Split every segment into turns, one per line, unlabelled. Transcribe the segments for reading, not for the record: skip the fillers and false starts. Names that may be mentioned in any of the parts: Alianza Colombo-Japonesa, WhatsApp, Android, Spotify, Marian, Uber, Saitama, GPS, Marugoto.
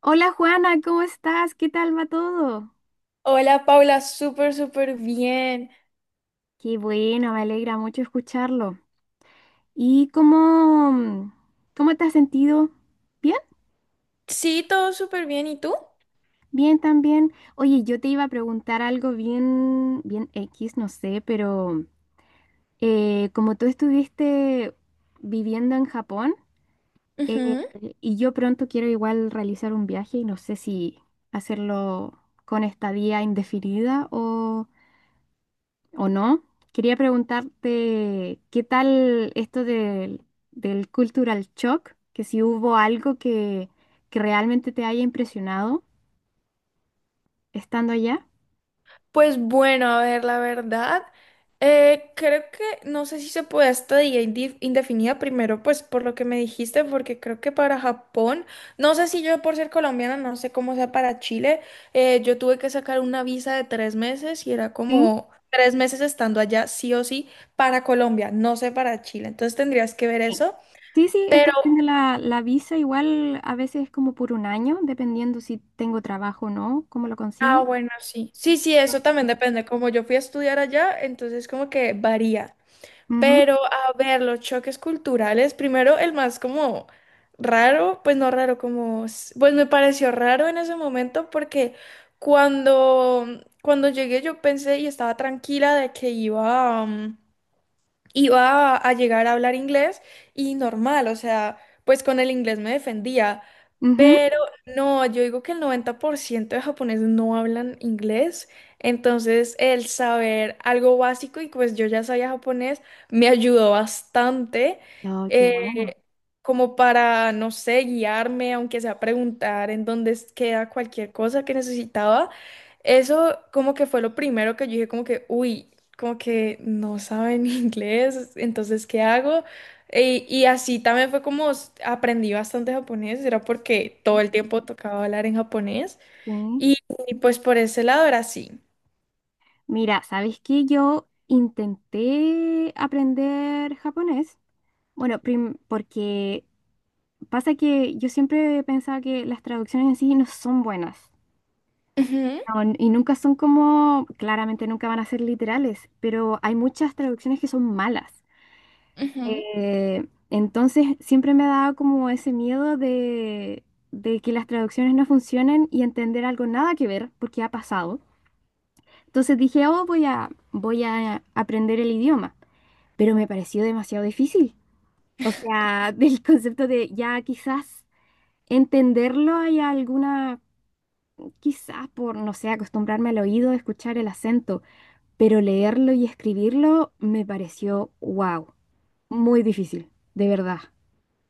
Hola Juana, ¿cómo estás? ¿Qué tal va todo?
Hola Paula, súper, súper bien.
Qué bueno, me alegra mucho escucharlo. ¿Y cómo, cómo te has sentido? ¿Bien?
Sí, todo súper bien. ¿Y tú?
Bien también. Oye, yo te iba a preguntar algo bien, bien X, no sé, pero como tú estuviste viviendo en Japón. eh,
Ujú.
y yo pronto quiero igual realizar un viaje y no sé si hacerlo con estadía indefinida o ¿o no? Quería preguntarte, ¿qué tal esto del cultural shock? Que si hubo algo que realmente te haya impresionado estando allá.
Pues bueno, a ver, la verdad, creo que no sé si se puede estadía indefinida primero, pues por lo que me dijiste, porque creo que para Japón, no sé si yo por ser colombiana, no sé cómo sea para Chile, yo tuve que sacar una visa de 3 meses y era
Sí,
como 3 meses estando allá, sí o sí, para Colombia, no sé para Chile. Entonces tendrías que ver
sí,
eso.
sí, sí, estoy haciendo la visa igual a veces es como por un año, dependiendo si tengo trabajo o no, cómo lo
Ah,
consigo.
bueno, sí. Sí, sí, eso también depende. Como yo fui a estudiar allá, entonces como que varía.
Ujú,
Pero a ver, los choques culturales, primero el más como raro, pues no raro, como, pues me pareció raro en ese momento porque cuando, cuando llegué yo pensé y estaba tranquila de que iba, iba a llegar a hablar inglés y normal, o sea, pues con el inglés me defendía,
ujú.
pero no, yo digo que el 90% de japoneses no hablan inglés, entonces el saber algo básico y pues yo ya sabía japonés me ayudó bastante
No, qué bueno.
eh, como para, no sé, guiarme, aunque sea preguntar en dónde queda cualquier cosa que necesitaba. Eso como que fue lo primero que yo dije como que, uy, como que no saben inglés, entonces, ¿qué hago? Y así también fue como aprendí bastante japonés, era porque todo el tiempo tocaba hablar en japonés
Sí.
y, y, pues por ese lado era así.
Mira, ¿sabes qué? Yo intenté aprender japonés. Bueno, porque pasa que yo siempre pensaba que las traducciones en sí no son buenas.
Ujú,
No, y nunca son como, claramente nunca van a ser literales, pero hay muchas traducciones que son malas.
ujú.
Entonces siempre me ha dado como ese miedo de que las traducciones no funcionen y entender algo nada que ver, porque ha pasado. Entonces dije, oh, voy a aprender el idioma, pero me pareció demasiado difícil. O sea, del concepto de ya quizás entenderlo hay alguna. Quizás por, no sé, acostumbrarme al oído, escuchar el acento, pero leerlo y escribirlo me pareció, wow, muy difícil, de verdad.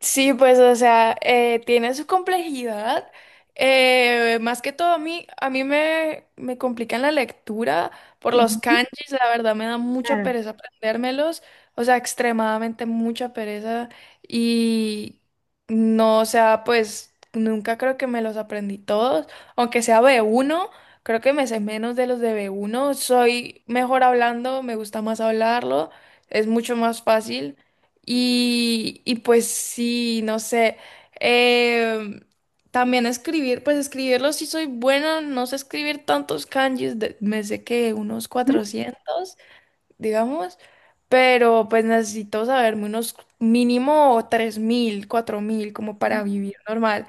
Sí, pues, o sea, tiene su complejidad. Más que todo, a mí me complican la lectura por los
Ujú.
kanjis, la verdad me da mucha
Claro.
pereza aprendérmelos, o sea, extremadamente mucha pereza y no, o sea, pues nunca creo que me los aprendí todos, aunque sea b uno, creo que me sé menos de los de b uno. Soy mejor hablando, me gusta más hablarlo, es mucho más fácil. Y pues sí, no sé. em, También escribir, pues escribirlo sí soy buena, no sé escribir tantos kanjis, me sé que unos
Ujú.
400 digamos, pero pues necesito saberme unos mínimo 3000 4000 como
Mm.
para vivir normal.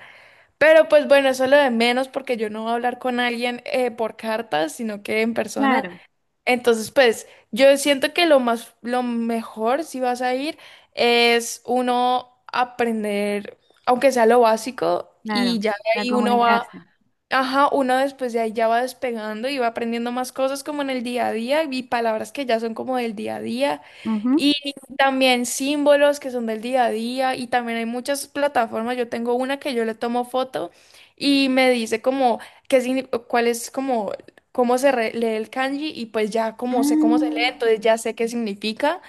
Pero pues bueno, eso es lo de menos porque yo no voy a hablar con alguien por cartas, sino que en persona.
Claro,
Entonces, pues, yo siento que lo más, lo mejor si vas a ir es uno aprender, aunque sea lo básico, y
claro,
ya de
para
ahí uno va.
comunicarse.
Ajá, uno después de ahí ya va despegando y va aprendiendo más cosas como en el día a día y palabras que ya son como del día a día
Ujú.
y también símbolos que son del día a día y también hay muchas plataformas. Yo tengo una que yo le tomo foto y me dice como qué cuál es como cómo lee el kanji y pues ya como sé cómo se lee, entonces
Mm.
ya sé qué significa.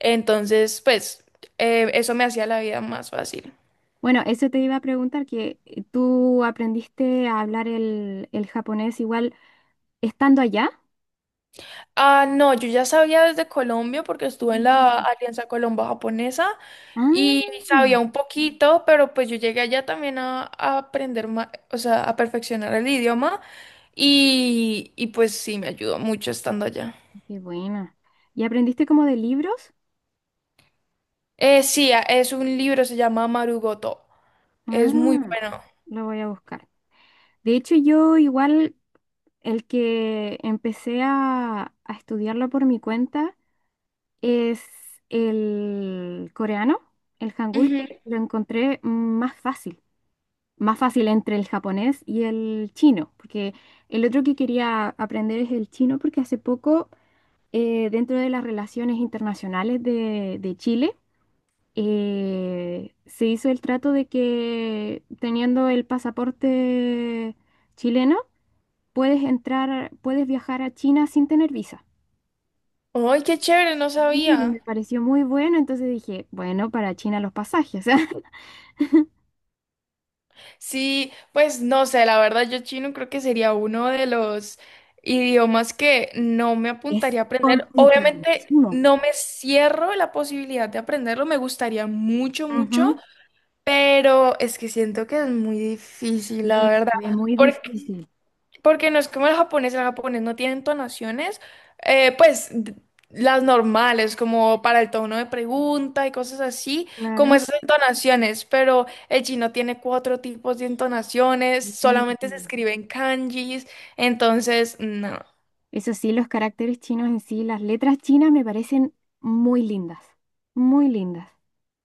Entonces, pues eso me hacía la vida más fácil.
Bueno, eso te iba a preguntar, que tú aprendiste a hablar el japonés igual estando allá.
Ah, no, yo ya sabía desde Colombia porque estuve en la
Mm.
Alianza Colombo-Japonesa y
Ah,
sabía un poquito, pero pues yo llegué allá también a aprender más, o sea, a perfeccionar el idioma y pues sí, me ayudó mucho estando allá.
qué buena. ¿Y aprendiste como de libros?
Sí, es un libro, se llama Marugoto. Es muy
Ah,
bueno.
lo voy a buscar. De hecho, yo igual el que empecé a estudiarlo por mi cuenta es el coreano, el hangul, que lo encontré más fácil entre el japonés y el chino, porque el otro que quería aprender es el chino, porque hace poco, dentro de las relaciones internacionales de Chile, se hizo el trato de que teniendo el pasaporte chileno, puedes entrar, puedes viajar a China sin tener visa.
Ujú. ¡Ay, qué chévere! No
Y me
sabía.
pareció muy bueno, entonces dije, bueno, para China los pasajes.
Sí, pues no sé, la verdad yo chino creo que sería uno de los idiomas que no me
Es
apuntaría a aprender. Obviamente
chino.
no me cierro la posibilidad de aprenderlo, me gustaría mucho, mucho,
Ujú.
pero es que siento que es muy difícil, la
Sí,
verdad.
se ve muy... Sí.
Porque no es como el japonés no tiene entonaciones, pues las normales, como para el tono de pregunta y cosas así, como
Claro.
esas entonaciones, pero el chino tiene cuatro tipos de entonaciones,
Sí.
solamente se escribe en kanjis, entonces no.
Eso sí, los caracteres chinos en sí, las letras chinas me parecen muy lindas, muy lindas.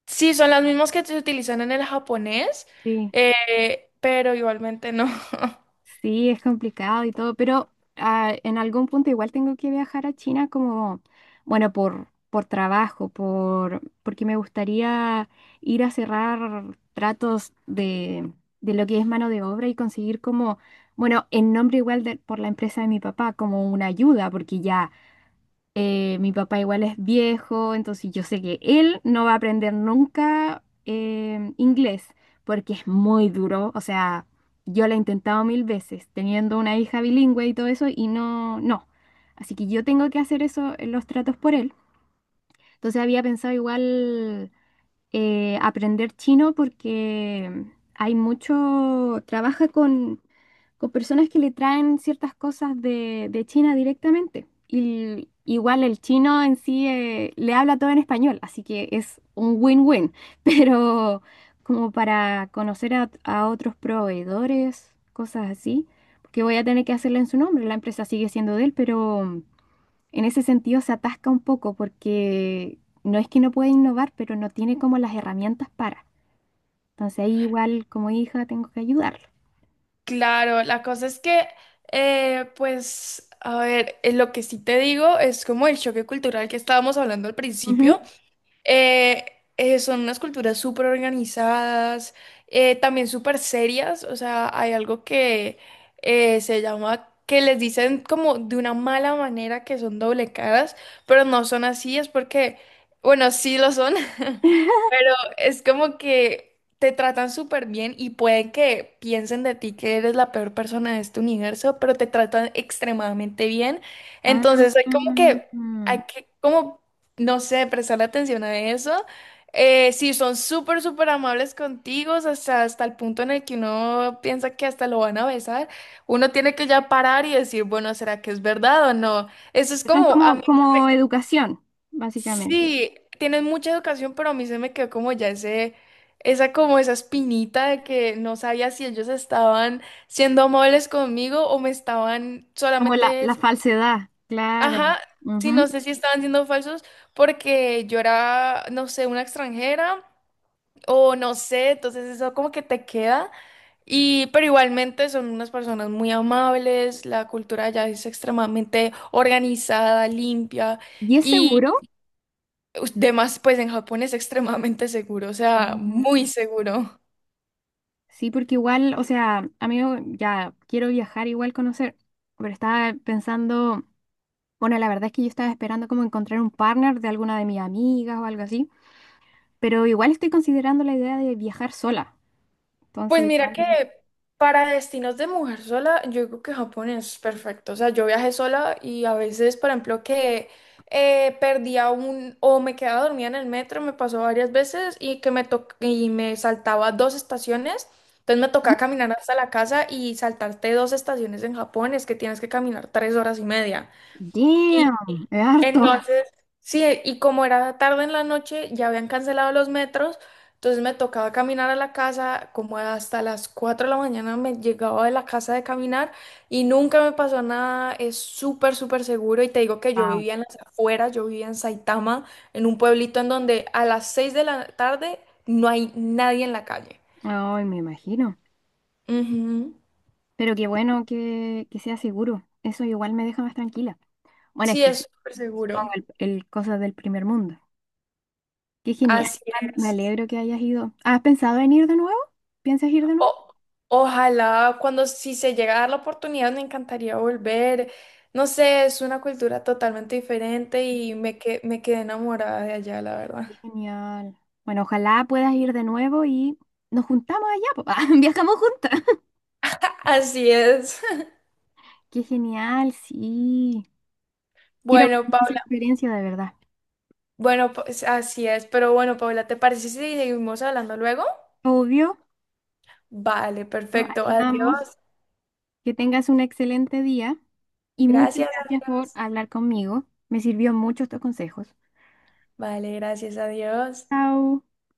Sí, son las mismas que se utilizan en el japonés,
Sí.
pero igualmente no.
Sí, es complicado y todo, pero ah, en algún punto igual tengo que viajar a China como, bueno, por trabajo, por, porque me gustaría ir a cerrar tratos de lo que es mano de obra y conseguir como, bueno, en nombre igual de, por la empresa de mi papá, como una ayuda, porque ya mi papá igual es viejo, entonces yo sé que él no va a aprender nunca inglés, porque es muy duro. O sea, yo lo he intentado mil veces, teniendo una hija bilingüe y todo eso, y no, no. Así que yo tengo que hacer eso, los tratos por él. Entonces había pensado igual aprender chino porque hay mucho, trabaja con personas que le traen ciertas cosas de China directamente. Y igual el chino en sí le habla todo en español, así que es un win-win. Pero como para conocer a otros proveedores, cosas así, porque voy a tener que hacerlo en su nombre, la empresa sigue siendo de él, pero en ese sentido se atasca un poco porque no es que no pueda innovar, pero no tiene como las herramientas para. Entonces ahí igual como hija tengo que ayudarlo.
Claro, la cosa es que, pues, a ver, lo que sí te digo es como el choque cultural que estábamos hablando al
Ujú.
principio, eh, son unas culturas súper organizadas, también súper serias, o sea, hay algo que se llama, que les dicen como de una mala manera que son doble caras, pero no son así, es porque, bueno, sí lo son, pero es como que te tratan súper bien y pueden que piensen de ti que eres la peor persona de este universo, pero te tratan extremadamente bien,
Ah,
entonces hay como que, hay que como no sé, prestar atención a eso. Sí, son súper, súper amables contigo, hasta el punto en el que uno piensa que hasta lo van a besar. Uno tiene que ya parar y decir, bueno, ¿será que es verdad o no? Eso es
están
como, a
como,
mí,
como educación, básicamente.
sí, tienes mucha educación, pero a mí se me quedó como ya ese, esa como esa espinita de que no sabía si ellos estaban siendo amables conmigo o me estaban
Como
solamente.
la falsedad,
Ajá,
claro.
sí, no
Ujú.
sé si estaban siendo falsos porque yo era, no sé, una extranjera o no sé, entonces eso como que te queda y pero igualmente son unas personas muy amables, la cultura allá es extremadamente organizada, limpia
¿Y es
y
seguro?
demás, pues en Japón es extremadamente seguro, o sea, muy
Ujú.
seguro.
Sí, porque igual, o sea, amigo, ya quiero viajar, igual conocer, pero estaba pensando, bueno, la verdad es que yo estaba esperando como encontrar un partner de alguna de mis amigas o algo así, pero igual estoy considerando la idea de viajar sola.
Pues
Entonces,
mira
igual...
que para destinos de mujer sola, yo digo que Japón es perfecto. O sea, yo viajé sola y a veces, por ejemplo, que perdía un o me quedaba dormida en el metro, me pasó varias veces y que y me saltaba dos estaciones. Entonces me
¿Mm?
tocaba caminar hasta la casa y saltarte dos estaciones en Japón es que tienes que caminar 3 horas y media. Y
Damn, es harto.
entonces, sí, y como era tarde en la noche, ya habían cancelado los metros, entonces me tocaba caminar a la casa, como hasta las 4 de la mañana me llegaba de la casa de caminar y nunca me pasó nada, es súper, súper seguro y te digo que yo
Wow.
vivía en las afueras, yo vivía en Saitama, en un pueblito en donde a las 6 de la tarde no hay nadie en la calle.
Ay, me imagino.
Ujú.
Pero qué bueno que sea seguro. Eso igual me deja más tranquila. Bueno, es
Sí,
que
es súper
pongo
seguro.
el cosas del primer mundo. Qué genial.
Así
Igual me
es.
alegro que hayas ido. ¿Has pensado en ir de nuevo? ¿Piensas ir de nuevo?
O- Ojalá cuando si se llega a dar la oportunidad me encantaría volver. No sé, es una cultura totalmente diferente y me quedé enamorada de allá, la
Qué
verdad.
genial. Bueno, ojalá puedas ir de nuevo y nos juntamos allá, po. Ah, viajamos juntas.
Así es.
Qué genial, sí. Quiero
Bueno,
vivir esa
Paula,
experiencia de verdad.
bueno, pues así es. Pero bueno, Paula, ¿te parece si seguimos hablando luego?
Obvio,
Vale,
pero
perfecto.
ahí vamos.
Adiós.
Que tengas un excelente día y muchas
Gracias,
gracias por
adiós.
hablar conmigo. Me sirvió mucho estos consejos.
Vale, gracias, adiós.
Chao.